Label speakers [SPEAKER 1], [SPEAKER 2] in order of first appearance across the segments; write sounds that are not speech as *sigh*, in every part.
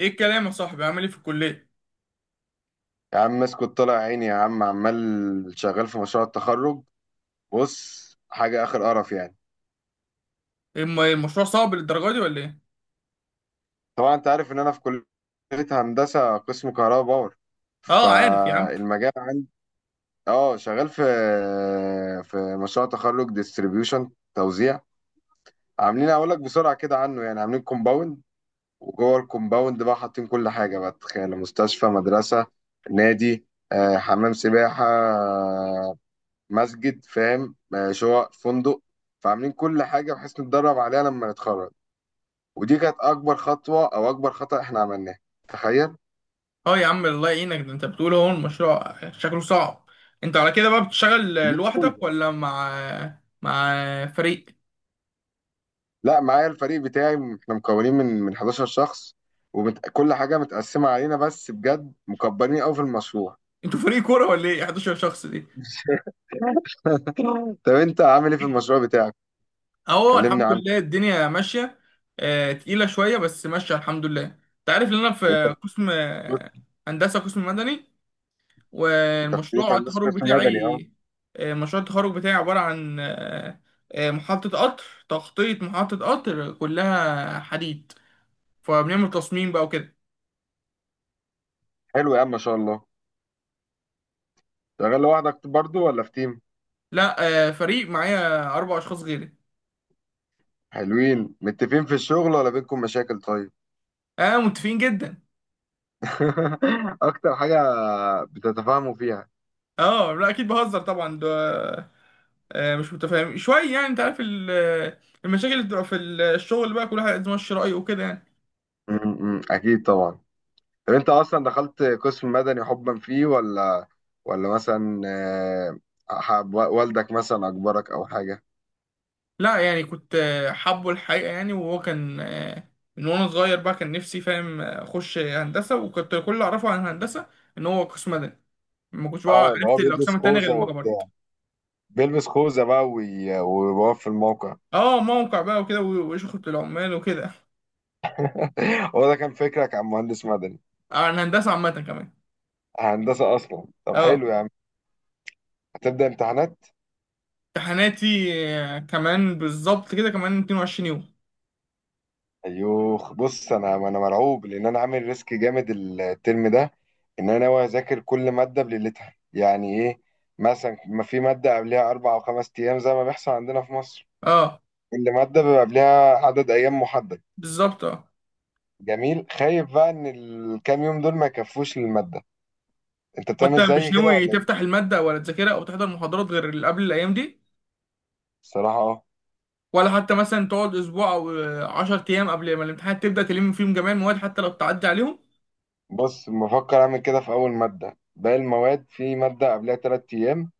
[SPEAKER 1] ايه الكلام يا صاحبي، عامل ايه في الكليه؟
[SPEAKER 2] يا عم اسكت، طلع عيني يا عم، عمال شغال في مشروع التخرج. بص حاجة آخر قرف يعني.
[SPEAKER 1] إيه المشروع صعب للدرجه دي ولا ايه؟
[SPEAKER 2] طبعا انت عارف ان انا في كلية هندسة قسم كهرباء باور،
[SPEAKER 1] اه، عارف يا عم.
[SPEAKER 2] فالمجال عندي. اه شغال في في مشروع تخرج ديستريبيوشن توزيع. عاملين اقول لك بسرعة كده عنه، يعني عاملين كومباوند، وجوه الكومباوند بقى حاطين كل حاجة، بقى تخيل، مستشفى، مدرسة، نادي، حمام سباحة، مسجد، فاهم، شقق فندق. فعاملين كل حاجه بحيث نتدرب عليها لما نتخرج. ودي كانت اكبر خطوه او اكبر خطأ احنا عملناه. تخيل
[SPEAKER 1] اه يا عم، الله يعينك، ده انت بتقول اهو المشروع شكله صعب. انت على كده بقى بتشتغل
[SPEAKER 2] كبير قوي
[SPEAKER 1] لوحدك
[SPEAKER 2] ده.
[SPEAKER 1] ولا مع، مع فريق؟
[SPEAKER 2] لا معايا الفريق بتاعي، احنا مكونين من 11 شخص، وكل حاجه متقسمه علينا، بس بجد مكبرين قوي في المشروع.
[SPEAKER 1] انتوا فريق كوره ولا ايه 11 شخص دي؟
[SPEAKER 2] *laughs* طب انت عامل ايه في المشروع بتاعك؟
[SPEAKER 1] اهو
[SPEAKER 2] كلمني
[SPEAKER 1] الحمد
[SPEAKER 2] عنه.
[SPEAKER 1] لله، الدنيا ماشيه. تقيله شويه بس ماشيه الحمد لله. انت عارف ان انا
[SPEAKER 2] انت
[SPEAKER 1] في قسم
[SPEAKER 2] في-
[SPEAKER 1] هندسه، قسم مدني،
[SPEAKER 2] انت في كليه
[SPEAKER 1] والمشروع
[SPEAKER 2] هندسه
[SPEAKER 1] التخرج
[SPEAKER 2] قسم مدني اهو.
[SPEAKER 1] بتاعي مشروع التخرج بتاعي عبارة عن محطة قطر، تخطيط محطة قطر كلها حديد، فبنعمل تصميم بقى وكده.
[SPEAKER 2] حلو يا عم ما شاء الله. شغال لوحدك برضو ولا في تيم؟
[SPEAKER 1] لا، فريق معايا أربع أشخاص غيري.
[SPEAKER 2] حلوين متفقين في الشغل ولا بينكم مشاكل؟ طيب.
[SPEAKER 1] اه، متفقين جدا.
[SPEAKER 2] *laughs* اكتر حاجة بتتفاهموا فيها؟
[SPEAKER 1] اه، لا أكيد بهزر طبعا، ده مش متفاهم شوية يعني، أنت عارف المشاكل اللي بتبقى في الشغل بقى، كل واحد عايز يمشي رأيه وكده يعني.
[SPEAKER 2] اكيد طبعا. طب انت اصلا دخلت قسم مدني حبا فيه، ولا مثلا حب والدك مثلا اجبرك او حاجة؟
[SPEAKER 1] لا، يعني كنت حابه الحقيقة يعني، وهو كان من وانا صغير بقى كان نفسي، فاهم، اخش هندسة، وكنت كل اللي اعرفه عن الهندسة ان هو قسم مدني. ما كنتش بقى
[SPEAKER 2] اه اللي
[SPEAKER 1] عرفت
[SPEAKER 2] هو بيلبس
[SPEAKER 1] الاقسام التانية غير
[SPEAKER 2] خوذة
[SPEAKER 1] لما
[SPEAKER 2] وبتاع،
[SPEAKER 1] كبرت.
[SPEAKER 2] بيلبس خوذة بقى ويقف في الموقع.
[SPEAKER 1] اه، موقع بقى وكده وشغل العمال وكده.
[SPEAKER 2] *laughs* هو ده كان فكرك عن مهندس مدني؟
[SPEAKER 1] عن هندسة عامة كمان.
[SPEAKER 2] هندسة اصلا. طب حلو
[SPEAKER 1] اه.
[SPEAKER 2] يا عم. هتبدأ امتحانات؟
[SPEAKER 1] امتحاناتي كمان بالظبط كده كمان 22 يوم.
[SPEAKER 2] ايوه. بص انا مرعوب، لان انا عامل ريسك جامد الترم ده، ان انا ناوي اذاكر كل ماده بليلتها، يعني ايه؟ مثلا ما في ماده قبلها اربع او خمس ايام زي ما بيحصل عندنا في مصر.
[SPEAKER 1] اه،
[SPEAKER 2] كل ماده بيبقى قبلها عدد ايام محدد.
[SPEAKER 1] بالظبط، اه.
[SPEAKER 2] جميل. خايف بقى ان الكام يوم دول ما يكفوش للماده. انت
[SPEAKER 1] وانت
[SPEAKER 2] بتعمل
[SPEAKER 1] مش
[SPEAKER 2] زي كده
[SPEAKER 1] ناوي
[SPEAKER 2] ولا
[SPEAKER 1] تفتح
[SPEAKER 2] ايه؟
[SPEAKER 1] المادة ولا تذاكرها او تحضر محاضرات غير اللي قبل الايام دي؟
[SPEAKER 2] الصراحه اه.
[SPEAKER 1] ولا حتى مثلا تقعد اسبوع او 10 ايام قبل ما الامتحانات تبدا تلم فيهم جميع المواد حتى لو بتعدي عليهم؟
[SPEAKER 2] بص بفكر اعمل كده في اول ماده. باقي المواد في ماده قبلها ثلاث ايام،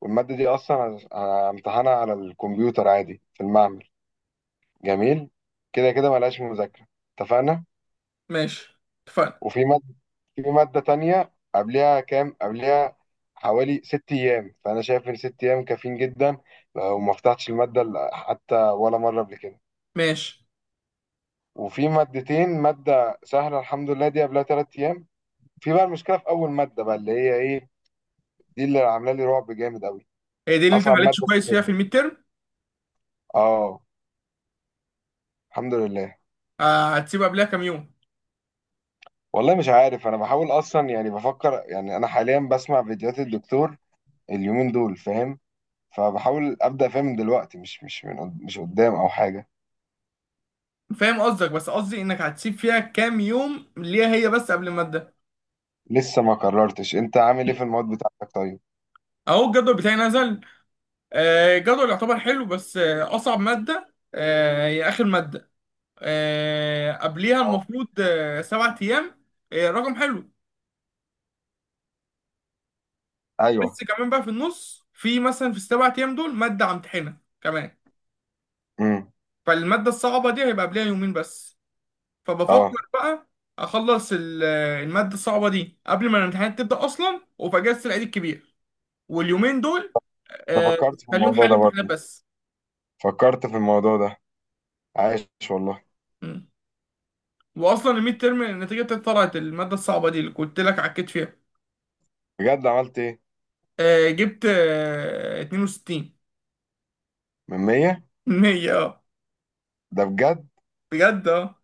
[SPEAKER 2] والماده دي اصلا همتحنها على الكمبيوتر عادي في المعمل. جميل، كده كده ملهاش مذاكرة. اتفقنا.
[SPEAKER 1] ماشي. اتفقنا.
[SPEAKER 2] وفي مادة، في مادة تانية قبلها كام؟ قبلها حوالي ست أيام، فأنا شايف إن ست أيام كافيين جدا، لو ما فتحتش المادة حتى ولا مرة قبل كده.
[SPEAKER 1] ماشي.
[SPEAKER 2] وفي مادتين، مادة سهلة الحمد لله دي قبلها تلات أيام. في بقى المشكلة في أول مادة بقى، اللي هي إيه، دي اللي عاملة لي رعب جامد أوي.
[SPEAKER 1] هي دي اللي انت ما
[SPEAKER 2] أصعب
[SPEAKER 1] عليتش
[SPEAKER 2] مادة في
[SPEAKER 1] كويس فيها في
[SPEAKER 2] الترم.
[SPEAKER 1] الميد تيرم؟
[SPEAKER 2] آه. الحمد لله.
[SPEAKER 1] هتسيب قبلها كام يوم؟
[SPEAKER 2] والله مش عارف، أنا بحاول أصلا يعني، بفكر يعني، أنا حاليا بسمع فيديوهات الدكتور اليومين دول، فاهم، فبحاول ابدا فيها من دلوقتي، مش مش قدام او حاجه.
[SPEAKER 1] فاهم قصدك، بس قصدي انك هتسيب فيها كام يوم ليها هي، بس قبل الماده.
[SPEAKER 2] لسه ما قررتش. انت عامل ايه في المواد بتاعتك طيب؟
[SPEAKER 1] اهو الجدول بتاعي نزل. الجدول يعتبر حلو، بس اصعب ماده هي اخر ماده. قبليها
[SPEAKER 2] أو.
[SPEAKER 1] المفروض 7 ايام. رقم حلو.
[SPEAKER 2] ايوه.
[SPEAKER 1] بس كمان بقى في النص، في مثلا في السبع ايام دول ماده همتحنها كمان،
[SPEAKER 2] امم.
[SPEAKER 1] فالماده الصعبه دي هيبقى قبلها يومين بس. فبفكر
[SPEAKER 2] اه.
[SPEAKER 1] بقى اخلص الماده الصعبه دي قبل ما الامتحانات تبدا اصلا، وفي اجازه العيد الكبير واليومين دول
[SPEAKER 2] أنا
[SPEAKER 1] آه،
[SPEAKER 2] فكرت في
[SPEAKER 1] خليهم
[SPEAKER 2] الموضوع
[SPEAKER 1] حل
[SPEAKER 2] ده
[SPEAKER 1] امتحانات
[SPEAKER 2] برضه.
[SPEAKER 1] بس.
[SPEAKER 2] فكرت في الموضوع ده عايش والله.
[SPEAKER 1] مم. واصلا الميد ترم النتيجه بتاعتي طلعت، الماده الصعبه دي اللي قلت لك عكيت فيها
[SPEAKER 2] بجد عملت ايه؟
[SPEAKER 1] جبت 62.
[SPEAKER 2] من 100؟
[SPEAKER 1] 100، *laughs* اه.
[SPEAKER 2] ده بجد؟
[SPEAKER 1] بجد، اه.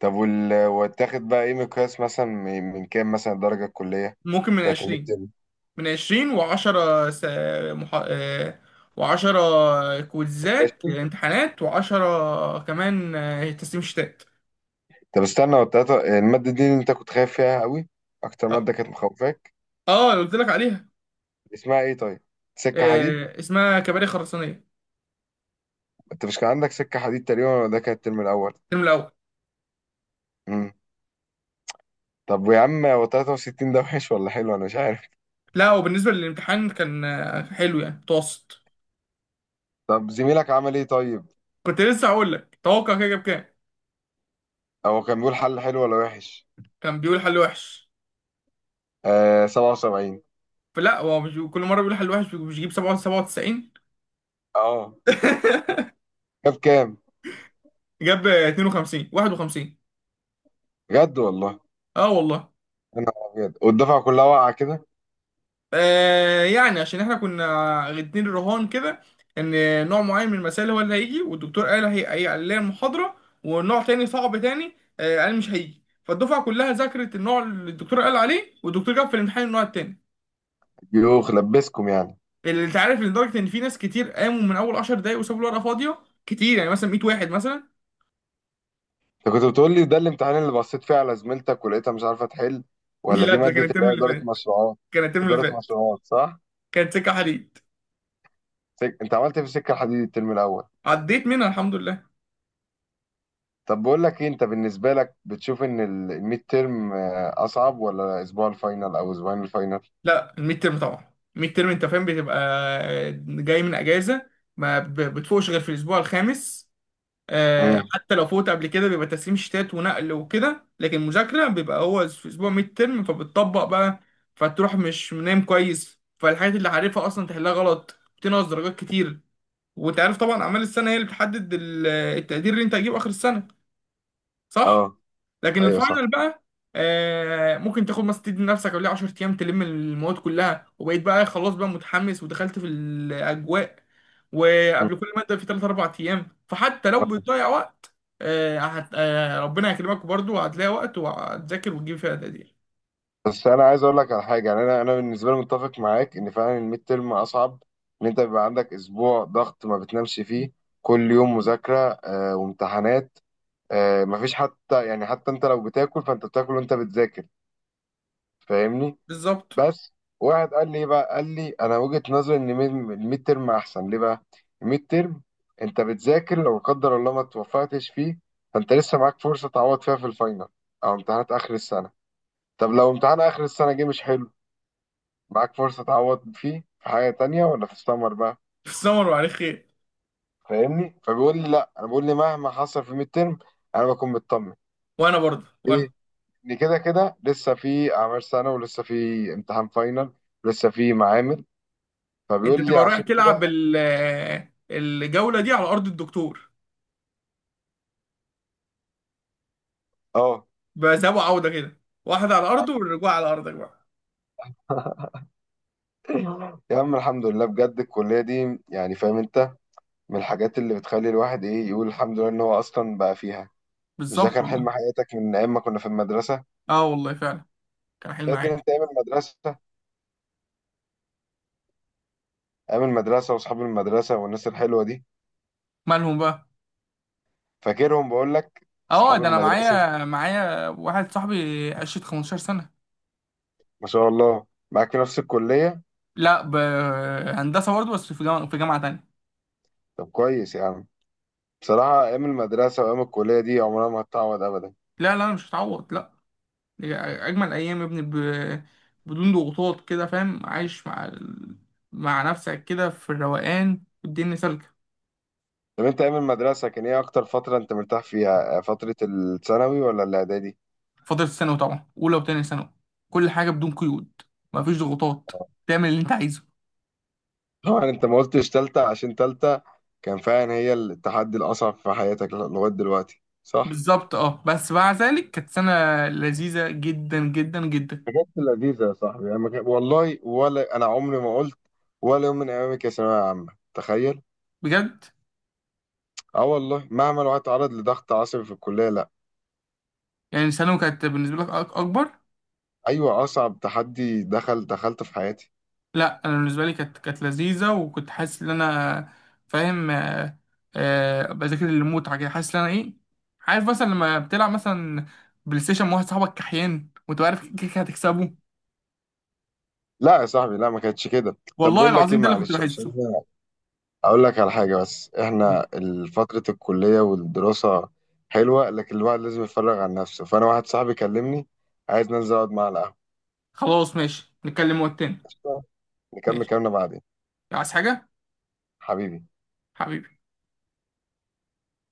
[SPEAKER 2] طب وتاخد بقى ايه مقياس، مثلا من كام مثلا الدرجه الكليه
[SPEAKER 1] ممكن من
[SPEAKER 2] بتاعت الميد
[SPEAKER 1] 20.
[SPEAKER 2] تيرم؟
[SPEAKER 1] من 20، و10 س... مح... آه، و10 كويزات امتحانات، و10 كمان تسليم شتات.
[SPEAKER 2] طب استنى، والتلاتة، الماده دي اللي انت كنت خايف فيها قوي، اكتر
[SPEAKER 1] اه.
[SPEAKER 2] ماده كانت مخوفاك،
[SPEAKER 1] اللي قلت لك عليها
[SPEAKER 2] اسمها ايه طيب؟ سكه حديد؟
[SPEAKER 1] اسمها كباري خرسانية.
[SPEAKER 2] انت مش كان عندك سكة حديد تقريبا، ولا ده كان الترم الأول؟
[SPEAKER 1] الترم الأول.
[SPEAKER 2] امم. طب يا عم، هو 63 ده وحش ولا حلو؟ أنا مش عارف.
[SPEAKER 1] لا، وبالنسبة للامتحان كان حلو يعني، متوسط.
[SPEAKER 2] طب زميلك عمل إيه طيب؟
[SPEAKER 1] كنت لسه هقول لك، توقع كده، جاب كام؟
[SPEAKER 2] هو كان بيقول حل حلو ولا وحش؟
[SPEAKER 1] كان بيقول حل وحش.
[SPEAKER 2] آه 77.
[SPEAKER 1] فلا، هو مش كل مرة بيقول حل وحش مش بيجيب 97.
[SPEAKER 2] اه،
[SPEAKER 1] *laughs*
[SPEAKER 2] جاب كام؟
[SPEAKER 1] جاب 52، 51.
[SPEAKER 2] بجد والله؟
[SPEAKER 1] اه والله.
[SPEAKER 2] أنا أبيض، والدفعة كلها واقعة كده.
[SPEAKER 1] يعني عشان احنا كنا اتنين رهان كده، ان نوع معين من المسائل هو اللي هيجي، والدكتور قال اللي هي المحاضرة، ونوع تاني صعب تاني قال مش هيجي. فالدفعة كلها ذاكرت النوع اللي الدكتور قال عليه، والدكتور جاب في الامتحان النوع التاني
[SPEAKER 2] يوخ، لبسكم يعني.
[SPEAKER 1] اللي انت عارف، لدرجة ان في ناس كتير قاموا من اول 10 دقايق وسابوا الورقة فاضية، كتير يعني مثلا 100 واحد مثلا.
[SPEAKER 2] انت كنت بتقول لي ده الامتحان اللي بصيت فيه على زميلتك ولقيتها مش عارفة تحل،
[SPEAKER 1] *laughs*
[SPEAKER 2] ولا
[SPEAKER 1] لا،
[SPEAKER 2] دي
[SPEAKER 1] ده كان
[SPEAKER 2] مادة اللي
[SPEAKER 1] الترم
[SPEAKER 2] هي
[SPEAKER 1] اللي
[SPEAKER 2] إدارة
[SPEAKER 1] فات،
[SPEAKER 2] مشروعات؟
[SPEAKER 1] كان الترم اللي
[SPEAKER 2] إدارة
[SPEAKER 1] فات،
[SPEAKER 2] مشروعات صح.
[SPEAKER 1] كانت سكة حديد.
[SPEAKER 2] انت عملت إيه في السكة الحديد الترم الأول؟
[SPEAKER 1] عديت منها الحمد لله.
[SPEAKER 2] طب بقول لك ايه، انت بالنسبه لك بتشوف ان الميد تيرم اصعب، ولا اسبوع الفاينل او اسبوعين الفاينل؟
[SPEAKER 1] لا، الميد ترم طبعا، الميد ترم انت فاهم بتبقى جاي من اجازه، ما ب- بتفوقش غير في الاسبوع الخامس.
[SPEAKER 2] امم.
[SPEAKER 1] حتى لو فوت قبل كده بيبقى تسليم شتات ونقل وكده، لكن مذاكره بيبقى هو في اسبوع ميد ترم، فبتطبق بقى، فتروح مش نايم كويس، فالحاجات اللي عارفها اصلا تحلها غلط بتنقص درجات كتير. وانت عارف طبعا اعمال السنه هي اللي بتحدد التقدير اللي انت هتجيبه اخر السنه، صح؟
[SPEAKER 2] اه.
[SPEAKER 1] لكن
[SPEAKER 2] ايوه صح.
[SPEAKER 1] الفاينل بقى ممكن تاخد مثلا، تدي لنفسك قبلها 10 ايام تلم المواد كلها، وبقيت بقى خلاص بقى متحمس ودخلت في الاجواء،
[SPEAKER 2] مم.
[SPEAKER 1] وقبل كل ماده في 3، 4 ايام، فحتى لو بتضيع وقت آه هت... آه ربنا هيكرمك برضو، وهتلاقي وقت وهتذاكر وتجيب فيها تقدير.
[SPEAKER 2] بس انا عايز اقول لك على حاجه يعني، انا بالنسبه لي متفق معاك ان فعلا الميد تيرم اصعب، ان انت بيبقى عندك اسبوع ضغط ما بتنامش فيه، كل يوم مذاكره آه، وامتحانات آه، مفيش حتى يعني، حتى انت لو بتاكل فانت بتاكل وانت بتذاكر، فاهمني؟
[SPEAKER 1] بالظبط.
[SPEAKER 2] بس واحد قال لي إيه بقى، قال لي انا وجهة نظري ان الميد ترم احسن. ليه بقى؟ الميد ترم انت بتذاكر، لو لا قدر الله ما توفقتش فيه، فانت لسه معاك فرصة تعوض فيها في الفاينل، او امتحانات اخر السنة. طب لو امتحان اخر السنة جه مش حلو، معاك فرصة تعوض فيه في حاجة تانية، ولا في السمر بقى.
[SPEAKER 1] في السمر وعليه خير.
[SPEAKER 2] فاهمني؟ فبيقول لي لا، انا بقول لي مهما حصل في الميد ترم انا بكون مطمن.
[SPEAKER 1] وانا برضه،
[SPEAKER 2] ليه؟ ان كده كده لسه في اعمال سنة، ولسه في امتحان فاينل، ولسه في معامل،
[SPEAKER 1] انت
[SPEAKER 2] فبيقول لي
[SPEAKER 1] بتبقى رايح
[SPEAKER 2] عشان كده.
[SPEAKER 1] تلعب ال... آه، الجوله دي على ارض الدكتور
[SPEAKER 2] اه
[SPEAKER 1] بقى، ذهاب وعوده كده، واحده على ارضه والرجوع على ارضك بقى.
[SPEAKER 2] يا عم الحمد لله بجد، الكلية دي يعني فاهم انت، من الحاجات اللي بتخلي الواحد ايه، يقول الحمد لله ان هو اصلا بقى فيها. مش ده
[SPEAKER 1] بالظبط
[SPEAKER 2] كان حلم
[SPEAKER 1] والله.
[SPEAKER 2] حياتك من ايام ما كنا في المدرسة؟
[SPEAKER 1] اه والله فعلا، كان حلم
[SPEAKER 2] فاكر
[SPEAKER 1] عادي.
[SPEAKER 2] انت ايام المدرسة؟ ايام المدرسة واصحاب المدرسة والناس الحلوة دي؟
[SPEAKER 1] مالهم بقى؟
[SPEAKER 2] فاكرهم بقول لك،
[SPEAKER 1] اه،
[SPEAKER 2] اصحاب
[SPEAKER 1] ده انا
[SPEAKER 2] المدرسة.
[SPEAKER 1] معايا واحد صاحبي قشة 15 سنة.
[SPEAKER 2] ما شاء الله معاك في نفس الكلية؟
[SPEAKER 1] لا، هندسة برضه، بس في جامعة تانية.
[SPEAKER 2] طب كويس يا عم. بصراحة ايام المدرسة وايام الكلية دي عمرها ما هتتعوض ابدا.
[SPEAKER 1] لا لا، مش هتعوض، لا. دي اجمل ايام يا ابني، بدون ضغوطات كده، فاهم، عايش مع مع نفسك كده في الروقان، والدنيا سالكة.
[SPEAKER 2] طب انت ايام المدرسة كان ايه اكتر فترة انت مرتاح فيها، فترة الثانوي ولا الاعدادي؟
[SPEAKER 1] فترة ثانوي طبعا، اولى وتانية ثانوي، كل حاجة بدون قيود، مفيش ضغوطات، تعمل اللي انت عايزه.
[SPEAKER 2] طبعا انت ما قلتش تالتة، عشان تالتة كان فعلا هي التحدي الأصعب في حياتك لغاية دلوقتي، صح؟
[SPEAKER 1] بالظبط، اه، بس مع ذلك كانت سنة لذيذة جدا جدا جدا.
[SPEAKER 2] حاجات لذيذة يا صاحبي يعني، ما كان- والله ولا أنا عمري ما قلت ولا يوم من أيامك يا ثانوية عامة، تخيل.
[SPEAKER 1] بجد.
[SPEAKER 2] اه والله، مهما الواحد اتعرض لضغط عصبي في الكلية، لا.
[SPEAKER 1] يعني ثانوي كانت بالنسبة لك أكبر؟
[SPEAKER 2] أيوة، أصعب تحدي دخلته في حياتي.
[SPEAKER 1] لا، أنا بالنسبة لي كانت لذيذة، وكنت حاسس إن أنا، فاهم، بذاكر المتعة كده، حاسس إن أنا إيه، عارف مثلا لما بتلعب مثلا بلاي ستيشن مع واحد صاحبك كحيان، وأنت عارف كده كده هتكسبه.
[SPEAKER 2] لا يا صاحبي لا، ما كانتش كده. طب
[SPEAKER 1] والله
[SPEAKER 2] بقول لك إيه،
[SPEAKER 1] العظيم ده اللي كنت
[SPEAKER 2] معلش عشان
[SPEAKER 1] بحسه.
[SPEAKER 2] اقول لك على حاجه، بس احنا فتره الكليه والدراسه حلوه، لكن الواحد لازم يتفرغ عن نفسه، فانا واحد صاحبي كلمني عايز ننزل اقعد معاه على القهوه.
[SPEAKER 1] خلاص ماشي، نتكلم وقت تاني.
[SPEAKER 2] قشطة؟ نكمل
[SPEAKER 1] ماشي.
[SPEAKER 2] كلامنا بعدين.
[SPEAKER 1] عايز حاجة؟
[SPEAKER 2] حبيبي.
[SPEAKER 1] حبيبي.